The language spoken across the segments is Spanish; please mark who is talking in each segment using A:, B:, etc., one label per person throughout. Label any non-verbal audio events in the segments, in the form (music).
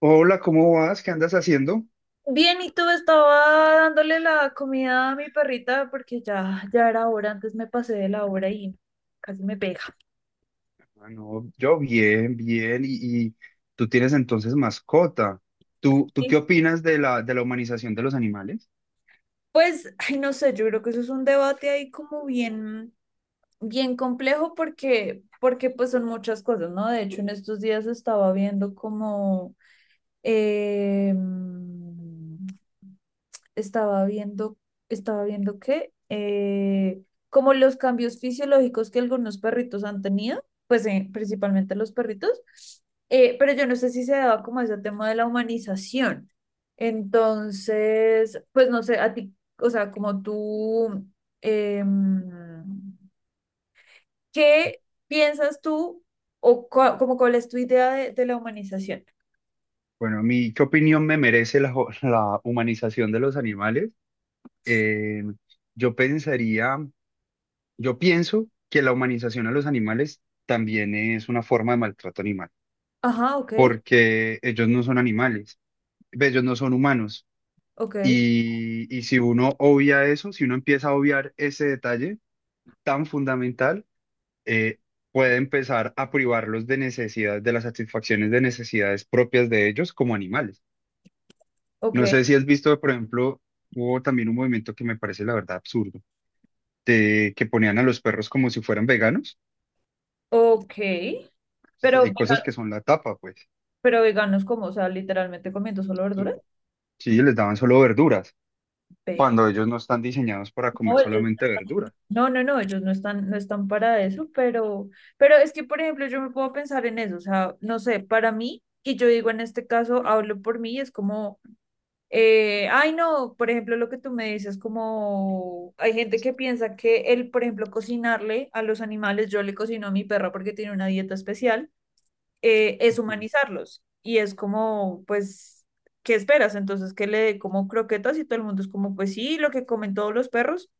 A: Hola, ¿cómo vas? ¿Qué andas haciendo?
B: Bien, y tú estaba dándole la comida a mi perrita porque ya, ya era hora, antes me pasé de la hora y casi me pega.
A: Ah, no, yo bien, bien. Y tú tienes entonces mascota. ¿Tú
B: Y,
A: qué opinas de la humanización de los animales?
B: Pues, ay, no sé, yo creo que eso es un debate ahí como bien, bien complejo porque pues son muchas cosas, ¿no? De hecho, en estos días eh, estaba viendo, estaba viendo que como los cambios fisiológicos que algunos perritos han tenido, pues principalmente los perritos, pero yo no sé si se daba como ese tema de la humanización. Entonces, pues no sé, a ti, o sea, como tú, em, ¿qué piensas tú o como cuál es tu idea de la humanización?
A: Bueno, a mí, ¿qué opinión me merece la, (laughs) la humanización de los animales? Eh, yo pensaría, yo pienso que la humanización a los animales también es una forma de maltrato animal,
B: Ajá, ok,
A: porque ellos no son animales, ve, ellos no son humanos.
B: ok,
A: Y si uno obvia eso, si uno empieza a obviar ese detalle, tan fundamental, eh, puede empezar a privarlos de necesidades, de las satisfacciones de necesidades propias de ellos como animales.
B: ok,
A: No sé si has visto, por ejemplo, hubo también un movimiento que me parece la verdad absurdo, de que ponían a los perros como si fueran veganos.
B: ok,
A: Entonces,
B: pero...
A: hay cosas que son la tapa, pues.
B: Pero veganos como, o sea, literalmente comiendo solo
A: Sí,
B: verduras.
A: sí, les daban solo verduras,
B: Ve.
A: cuando ellos no están diseñados para
B: No,
A: comer solamente verduras.
B: no, no, no, ellos no están, para eso, pero es que, por ejemplo, yo me puedo pensar en eso, o sea, no sé, para mí, y yo digo en este caso, hablo por mí, es como, ay, no, por ejemplo, lo que tú me dices, como, hay gente que piensa que el, por ejemplo, cocinarle a los animales, yo le cocino a mi perra porque tiene una dieta especial. Es
A: Ujú.
B: humanizarlos. Y es como, pues, ¿qué esperas? Entonces, que le dé como croquetas y todo el mundo es como, pues sí, lo que comen todos los perros,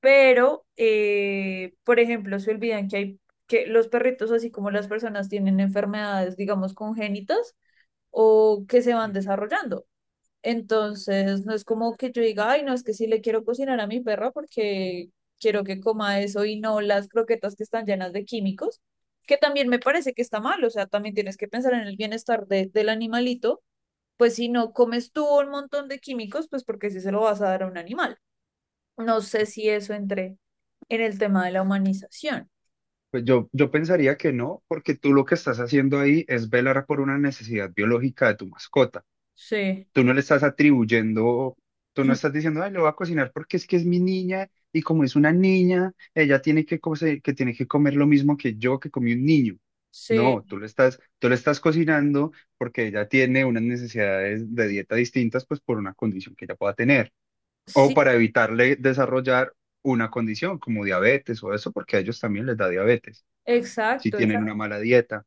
B: pero, por ejemplo, se olvidan que hay, que los perritos, así como las personas, tienen enfermedades, digamos, congénitas o que se van desarrollando. Entonces, no es como que yo diga, ay, no, es que sí le quiero cocinar a mi perro porque quiero que coma eso y no las croquetas que están llenas de químicos, que también me parece que está mal, o sea, también tienes que pensar en el bienestar del animalito, pues si no comes tú un montón de químicos, pues porque si se lo vas a dar a un animal. No sé si eso entre en el tema de la humanización.
A: Pues yo pensaría que no, porque tú lo que estás haciendo ahí es velar por una necesidad biológica de tu mascota.
B: Sí,
A: Tú no le estás atribuyendo, tú no estás diciendo, ay, lo voy a cocinar porque es que es mi niña y como es una niña, ella tiene que, que tiene que comer lo mismo que yo que comí un niño.
B: sí,
A: No, tú le estás cocinando porque ella tiene unas necesidades de dieta distintas, pues por una condición que ella pueda tener o
B: sí,
A: para evitarle desarrollar una condición como diabetes o eso, porque a ellos también les da diabetes si
B: exacto.
A: tienen una
B: Exacto.
A: mala dieta.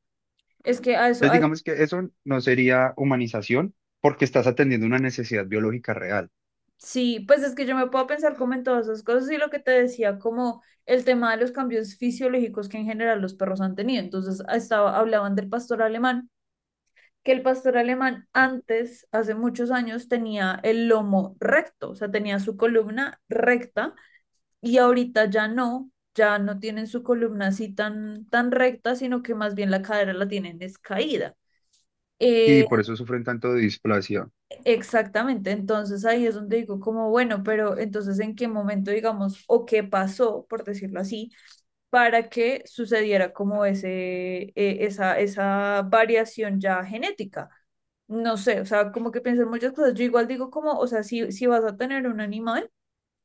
B: Es que a eso,
A: Entonces, digamos que eso no sería humanización porque estás atendiendo una necesidad biológica real.
B: sí, pues es que yo me puedo pensar como en todas esas cosas y lo que te decía, como el tema de los cambios fisiológicos que en general los perros han tenido. Entonces, hablaban del pastor alemán, que el pastor alemán antes, hace muchos años, tenía el lomo recto, o sea, tenía su columna recta y ahorita ya no, ya no tienen su columna así tan, tan recta, sino que más bien la cadera la tienen descaída.
A: Sí, por eso sufren tanto de displasia.
B: Exactamente, entonces ahí es donde digo como, bueno, pero entonces en qué momento, digamos, o qué pasó, por decirlo así, para que sucediera como esa variación ya genética. No sé, o sea, como que piensan muchas cosas. Yo igual digo como, o sea, si, si vas a tener un animal,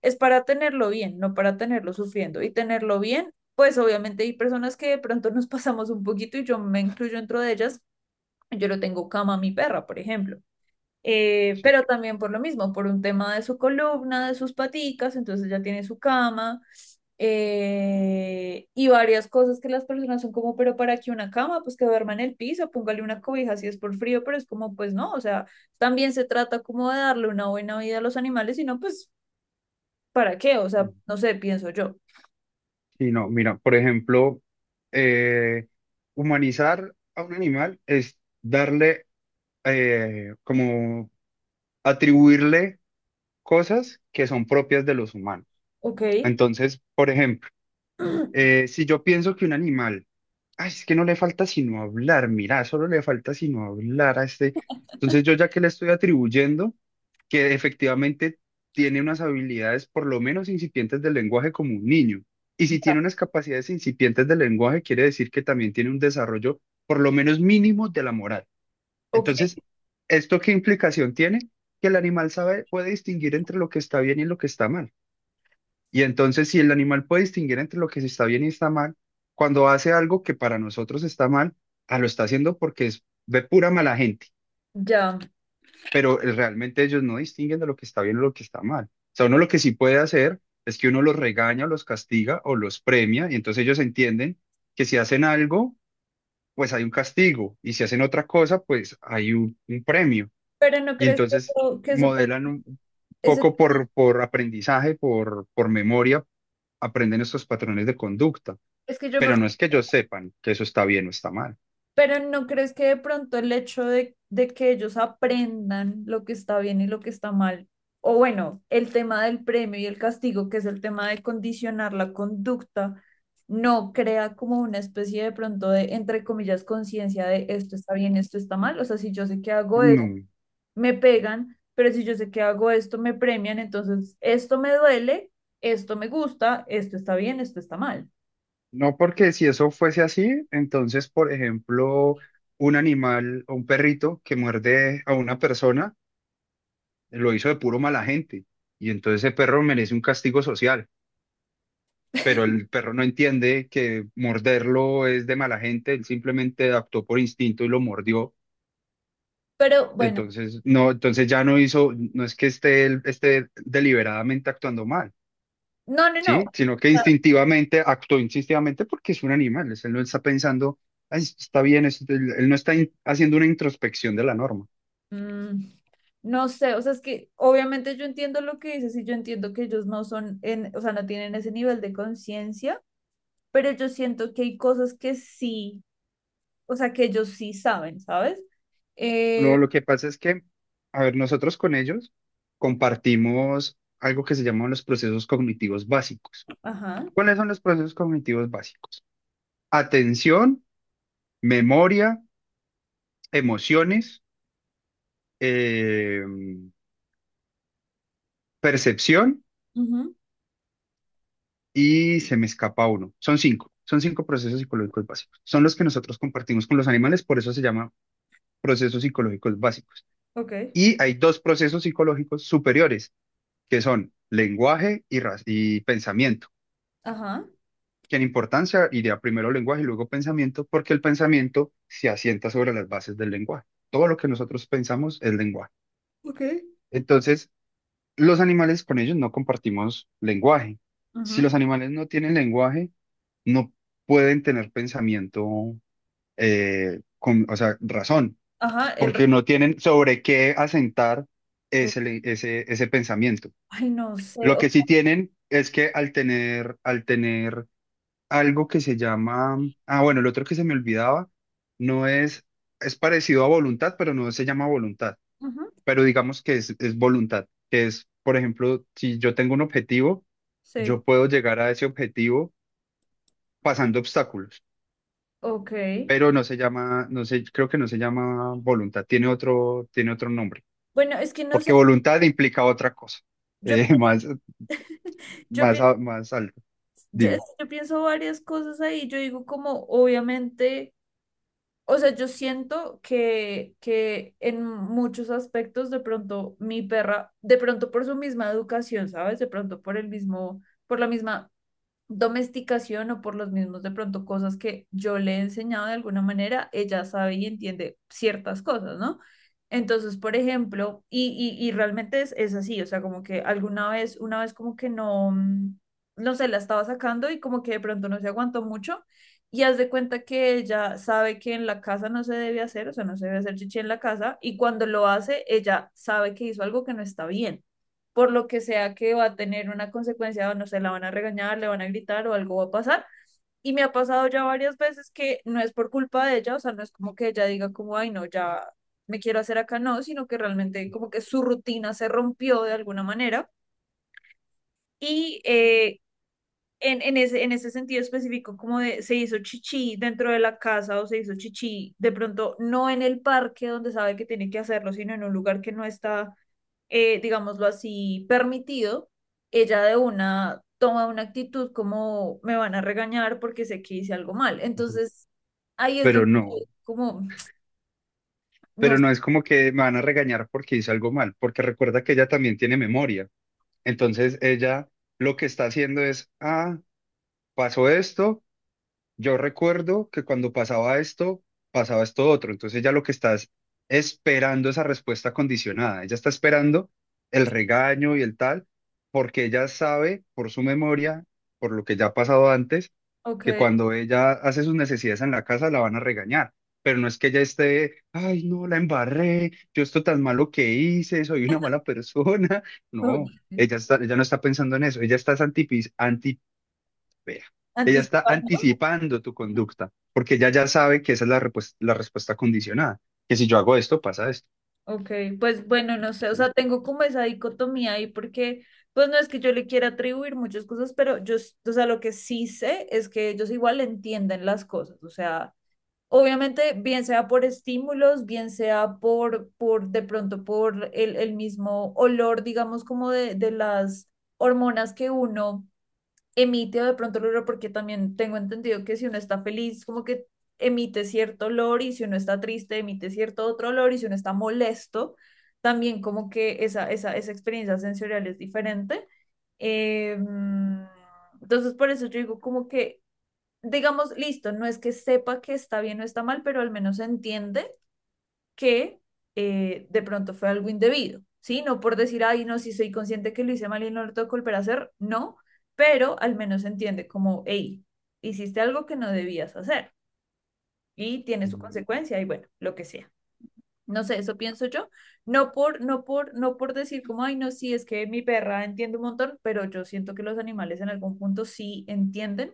B: es para tenerlo bien, no para tenerlo sufriendo. Y tenerlo bien, pues obviamente hay personas que de pronto nos pasamos un poquito y yo me incluyo dentro de ellas. Yo lo tengo cama a mi perra, por ejemplo,
A: Sí,
B: pero también por lo mismo, por un tema de su columna, de sus paticas, entonces ya tiene su cama, y varias cosas que las personas son como, pero para qué una cama, pues que duerma en el piso, póngale una cobija si es por frío, pero es como, pues no, o sea, también se trata como de darle una buena vida a los animales, sino pues, ¿para qué? O sea,
A: sí.
B: no sé, pienso yo.
A: Sí, no, mira, por ejemplo, eh, humanizar a un animal es darle, como atribuirle cosas que son propias de los humanos.
B: Ok,
A: Entonces, por ejemplo,
B: (clears throat)
A: Si yo pienso que un animal, ay, es que no le falta sino hablar, mira, solo le falta sino hablar a este. Entonces yo ya que le estoy atribuyendo que efectivamente tiene unas habilidades por lo menos incipientes del lenguaje como un niño. Y si tiene unas capacidades incipientes del lenguaje, quiere decir que también tiene un desarrollo por lo menos mínimo de la moral.
B: ok,
A: Entonces, ¿esto qué implicación tiene? Que el animal sabe, puede distinguir entre lo que está bien y lo que está mal. Y entonces, si el animal puede distinguir entre lo que se está bien y está mal, cuando hace algo que para nosotros está mal, ah, lo está haciendo porque es, ve pura mala gente,
B: ya.
A: pero realmente ellos no distinguen de lo que está bien o lo que está mal. O sea, uno lo que sí puede hacer es que uno los regaña, o los castiga o los premia, y entonces ellos entienden que si hacen algo, pues hay un castigo, y si hacen otra cosa, pues hay un premio.
B: Pero no
A: Y
B: crees
A: entonces
B: que eso,
A: modelan un
B: ese-
A: poco por aprendizaje, por memoria aprenden estos patrones de conducta,
B: es que yo me
A: pero no es que ellos sepan que eso está bien o está mal.
B: Pero ¿no crees que de pronto el hecho de que ellos aprendan lo que está bien y lo que está mal, o bueno, el tema del premio y el castigo, que es el tema de condicionar la conducta, no crea como una especie de pronto de, entre comillas, conciencia de esto está bien, esto está mal? O sea, si yo sé que hago esto,
A: No,
B: me pegan, pero si yo sé que hago esto, me premian, entonces esto me duele, esto me gusta, esto está bien, esto está mal.
A: no porque si eso fuese así, entonces, por ejemplo, un animal o un perrito que muerde a una persona lo hizo de puro mala gente y entonces ese perro merece un castigo social. Pero el perro no entiende que morderlo es de mala gente, él simplemente actuó por instinto y lo mordió.
B: Pero bueno,
A: Entonces, no, entonces ya no hizo, no es que esté, esté deliberadamente actuando mal,
B: no, no, no.
A: ¿sí? Sino que instintivamente, actuó instintivamente porque es un animal, él no está pensando, "Ay, está bien, él no está haciendo una introspección de la norma.
B: Mm, No sé, o sea, es que obviamente yo entiendo lo que dices y yo entiendo que ellos no son, o sea, no tienen ese nivel de conciencia, pero yo siento que hay cosas que sí, o sea, que ellos sí saben, ¿sabes?
A: No,
B: Eh,
A: lo que pasa es que, a ver, nosotros con ellos compartimos algo que se llaman los procesos cognitivos básicos.
B: ajá,
A: ¿Cuáles son los procesos cognitivos básicos? Atención, memoria, emociones, eh, percepción
B: ujú,
A: y se me escapa uno. Son cinco procesos psicológicos básicos. Son los que nosotros compartimos con los animales, por eso se llama procesos psicológicos básicos.
B: ok,
A: Y hay dos procesos psicológicos superiores, que son lenguaje y, y pensamiento,
B: ajá,
A: que en importancia iría primero lenguaje y luego pensamiento, porque el pensamiento se asienta sobre las bases del lenguaje. Todo lo que nosotros pensamos es lenguaje.
B: ok,
A: Entonces, los animales con ellos no compartimos lenguaje. Si
B: ujú,
A: los animales no tienen lenguaje, no pueden tener pensamiento, con, o sea, razón,
B: ajá,
A: porque no tienen sobre qué asentar
B: oh,
A: ese pensamiento.
B: ay, no sé,
A: Lo que sí tienen es que al tener algo que se llama, ah, bueno, el otro que se me olvidaba, no es, es parecido a voluntad, pero no se llama voluntad,
B: ujú,
A: pero digamos que es voluntad, que es, por ejemplo, si yo tengo un objetivo,
B: sí,
A: yo puedo llegar a ese objetivo pasando obstáculos.
B: ok.
A: Pero no se llama, no sé, creo que no se llama voluntad, tiene tiene otro nombre,
B: Bueno, es que no sé,
A: porque voluntad implica otra cosa,
B: yo,
A: (laughs) más,
B: yo, pienso,
A: más alto. Dime.
B: yo pienso varias cosas ahí, yo digo como, obviamente... O sea, yo siento que, en muchos aspectos de pronto mi perra, de pronto por su misma educación, ¿sabes? De pronto por el mismo, por la misma domesticación o por los mismos de pronto cosas que yo le he enseñado de alguna manera, ella sabe y entiende ciertas cosas, ¿no? Entonces, por ejemplo, y realmente es, así, o sea, como que alguna vez, una vez como que no, no sé, la estaba sacando y como que de pronto no se aguantó mucho y haz de cuenta que ella sabe que en la casa no se debe hacer, o sea, no se debe hacer chichi en la casa y cuando lo hace, ella sabe que hizo algo que no está bien por lo que sea que va a tener una consecuencia, o no sé, la van a regañar, le van a gritar o algo va a pasar. Y me ha pasado ya varias veces que no es por culpa de ella, o sea, no es como que ella diga como, ay, no, ya me quiero hacer acá, no, sino que realmente como que su rutina se rompió de alguna manera. Y en ese sentido específico, como de se hizo chichi dentro de la casa o se hizo chichi de pronto no en el parque donde sabe que tiene que hacerlo, sino en un lugar que no está digámoslo así, permitido, ella de una toma una actitud como me van a regañar porque sé que hice algo mal.
A: Ujú.
B: Entonces, ahí es
A: Pero
B: donde
A: no,
B: como, no
A: pero
B: sé,
A: no es como que me van a regañar porque hice algo mal, porque recuerda que ella también tiene memoria, entonces ella lo que está haciendo es, ah, pasó esto. Yo recuerdo que cuando pasaba esto otro. Entonces ella lo que está es esperando esa respuesta condicionada. Ella está esperando el regaño y el tal, porque ella sabe por su memoria, por lo que ya ha pasado antes, que
B: ok,
A: cuando ella hace sus necesidades en la casa la van a regañar. Pero no es que ella esté, ay, no, la embarré, yo esto tan malo que hice, soy una mala persona. (laughs)
B: ok,
A: No, ella no está pensando en eso. Ella está es Vea, ella está
B: anticipando,
A: anticipando tu conducta, porque ella ya sabe que esa es la, la respuesta condicionada, que si yo hago esto, pasa esto,
B: ok, pues bueno, no sé, o
A: ¿sí?
B: sea, tengo como esa dicotomía ahí porque, pues no es que yo le quiera atribuir muchas cosas, pero yo, s- o sea, lo que sí sé es que ellos igual entienden las cosas, o sea. Obviamente, bien sea por estímulos, bien sea por de pronto por el mismo olor, digamos, como de las hormonas que uno emite o de pronto el olor, porque también tengo entendido que si uno está feliz, como que emite cierto olor y si uno está triste, emite cierto otro olor y si uno está molesto, también como que esa experiencia sensorial es diferente. Em, entonces, por eso yo digo como que digamos, listo, no es que sepa que está bien o está mal, pero al menos entiende que de pronto fue algo indebido, ¿sí? No por decir, ay, no, si soy consciente que lo hice mal y no lo tengo que volver a hacer, no, pero al menos entiende como, hey, hiciste algo que no debías hacer y tiene su
A: Ujú.
B: consecuencia y bueno, lo que sea. No sé, eso pienso yo. No por, no por, no por decir como, ay, no, sí, es que mi perra entiende un montón, pero yo siento que los animales en algún punto sí entienden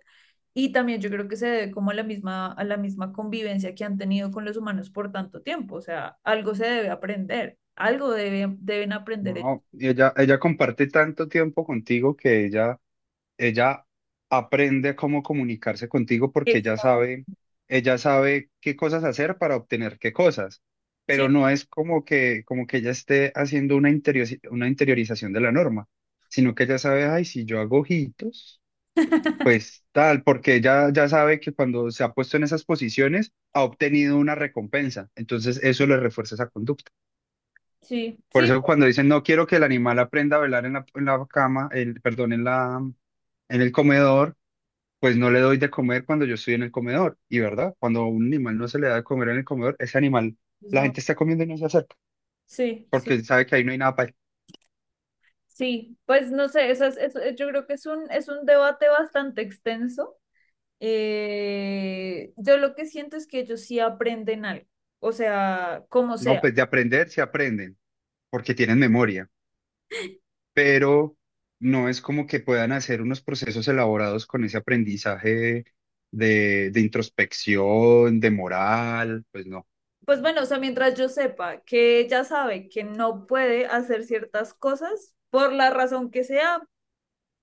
B: y también yo creo que se debe como a la misma convivencia que han tenido con los humanos por tanto tiempo. O sea, algo se debe aprender, algo deben aprender ellos.
A: No, ella comparte tanto tiempo contigo que ella aprende cómo comunicarse contigo porque
B: Exacto.
A: ella sabe qué cosas hacer para obtener qué cosas,
B: Sí,
A: pero no es como que ella esté haciendo una una interiorización de la norma, sino que ella sabe, ay, si yo hago ojitos. Pues tal, porque ya sabe que cuando se ha puesto en esas posiciones ha obtenido una recompensa, entonces eso le refuerza esa conducta.
B: sí,
A: Por
B: sí,
A: eso
B: Pues
A: cuando dicen no quiero que el animal aprenda a velar en la cama, el, perdón, en la, en el comedor, pues no le doy de comer cuando yo estoy en el comedor. Y verdad, cuando a un animal no se le da de comer en el comedor, ese animal,
B: pues,
A: la
B: no,
A: gente está comiendo y no se acerca,
B: sí, sí,
A: porque sabe que ahí no hay nada para él.
B: sí. Pues no sé, esas- eso- yo creo que es un debate bastante extenso. Yo lo que siento es que ellos sí aprenden algo, o sea, como
A: No,
B: sea.
A: pues de aprender se aprenden, porque tienen memoria. Pero no es como que puedan hacer unos procesos elaborados con ese aprendizaje de introspección, de moral, pues no.
B: Pues bueno, o sea, mientras yo sepa que ella sabe que no puede hacer ciertas cosas por la razón que sea,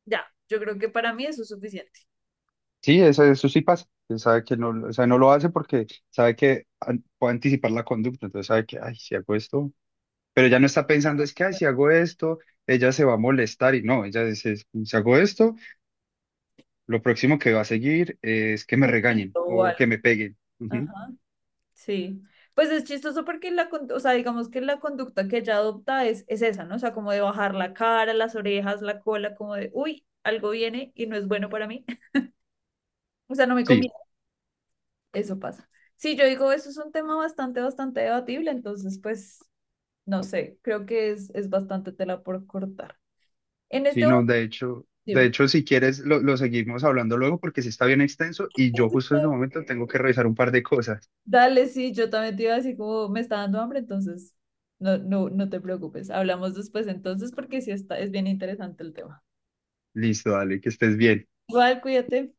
B: ya, yo creo que para mí eso es suficiente.
A: Sí, eso sí pasa. Él sabe que no, o sea, no lo hace porque sabe que puede anticipar la conducta, entonces sabe que, ay, si hago esto, pero ya no está pensando, es que, ay, si hago esto, ella se va a molestar y no, ella dice, si hago esto, lo próximo que va a seguir es que me
B: Un
A: regañen
B: poquito o
A: o que
B: algo.
A: me peguen. Ujú.
B: Ajá, sí. Pues es chistoso porque la, con- o sea, digamos que la conducta que ella adopta es esa, ¿no? O sea, como de bajar la cara, las orejas, la cola, como de, uy, algo viene y no es bueno para mí. (laughs) O sea, no me
A: Sí.
B: conviene. Eso pasa. Sí, yo digo, eso es un tema bastante, bastante debatible, entonces, pues no sé, creo que es bastante tela por cortar. En este
A: Sí,
B: momento,
A: no, de
B: dime.
A: hecho, si quieres, lo seguimos hablando luego porque sí está bien extenso y yo justo en ese
B: (laughs)
A: momento tengo que revisar un par de cosas.
B: Dale, sí, yo también te iba así como me está dando hambre, entonces no, no, no te preocupes. Hablamos después entonces porque sí está, es bien interesante el tema.
A: Listo, dale, que estés bien.
B: Igual, cuídate.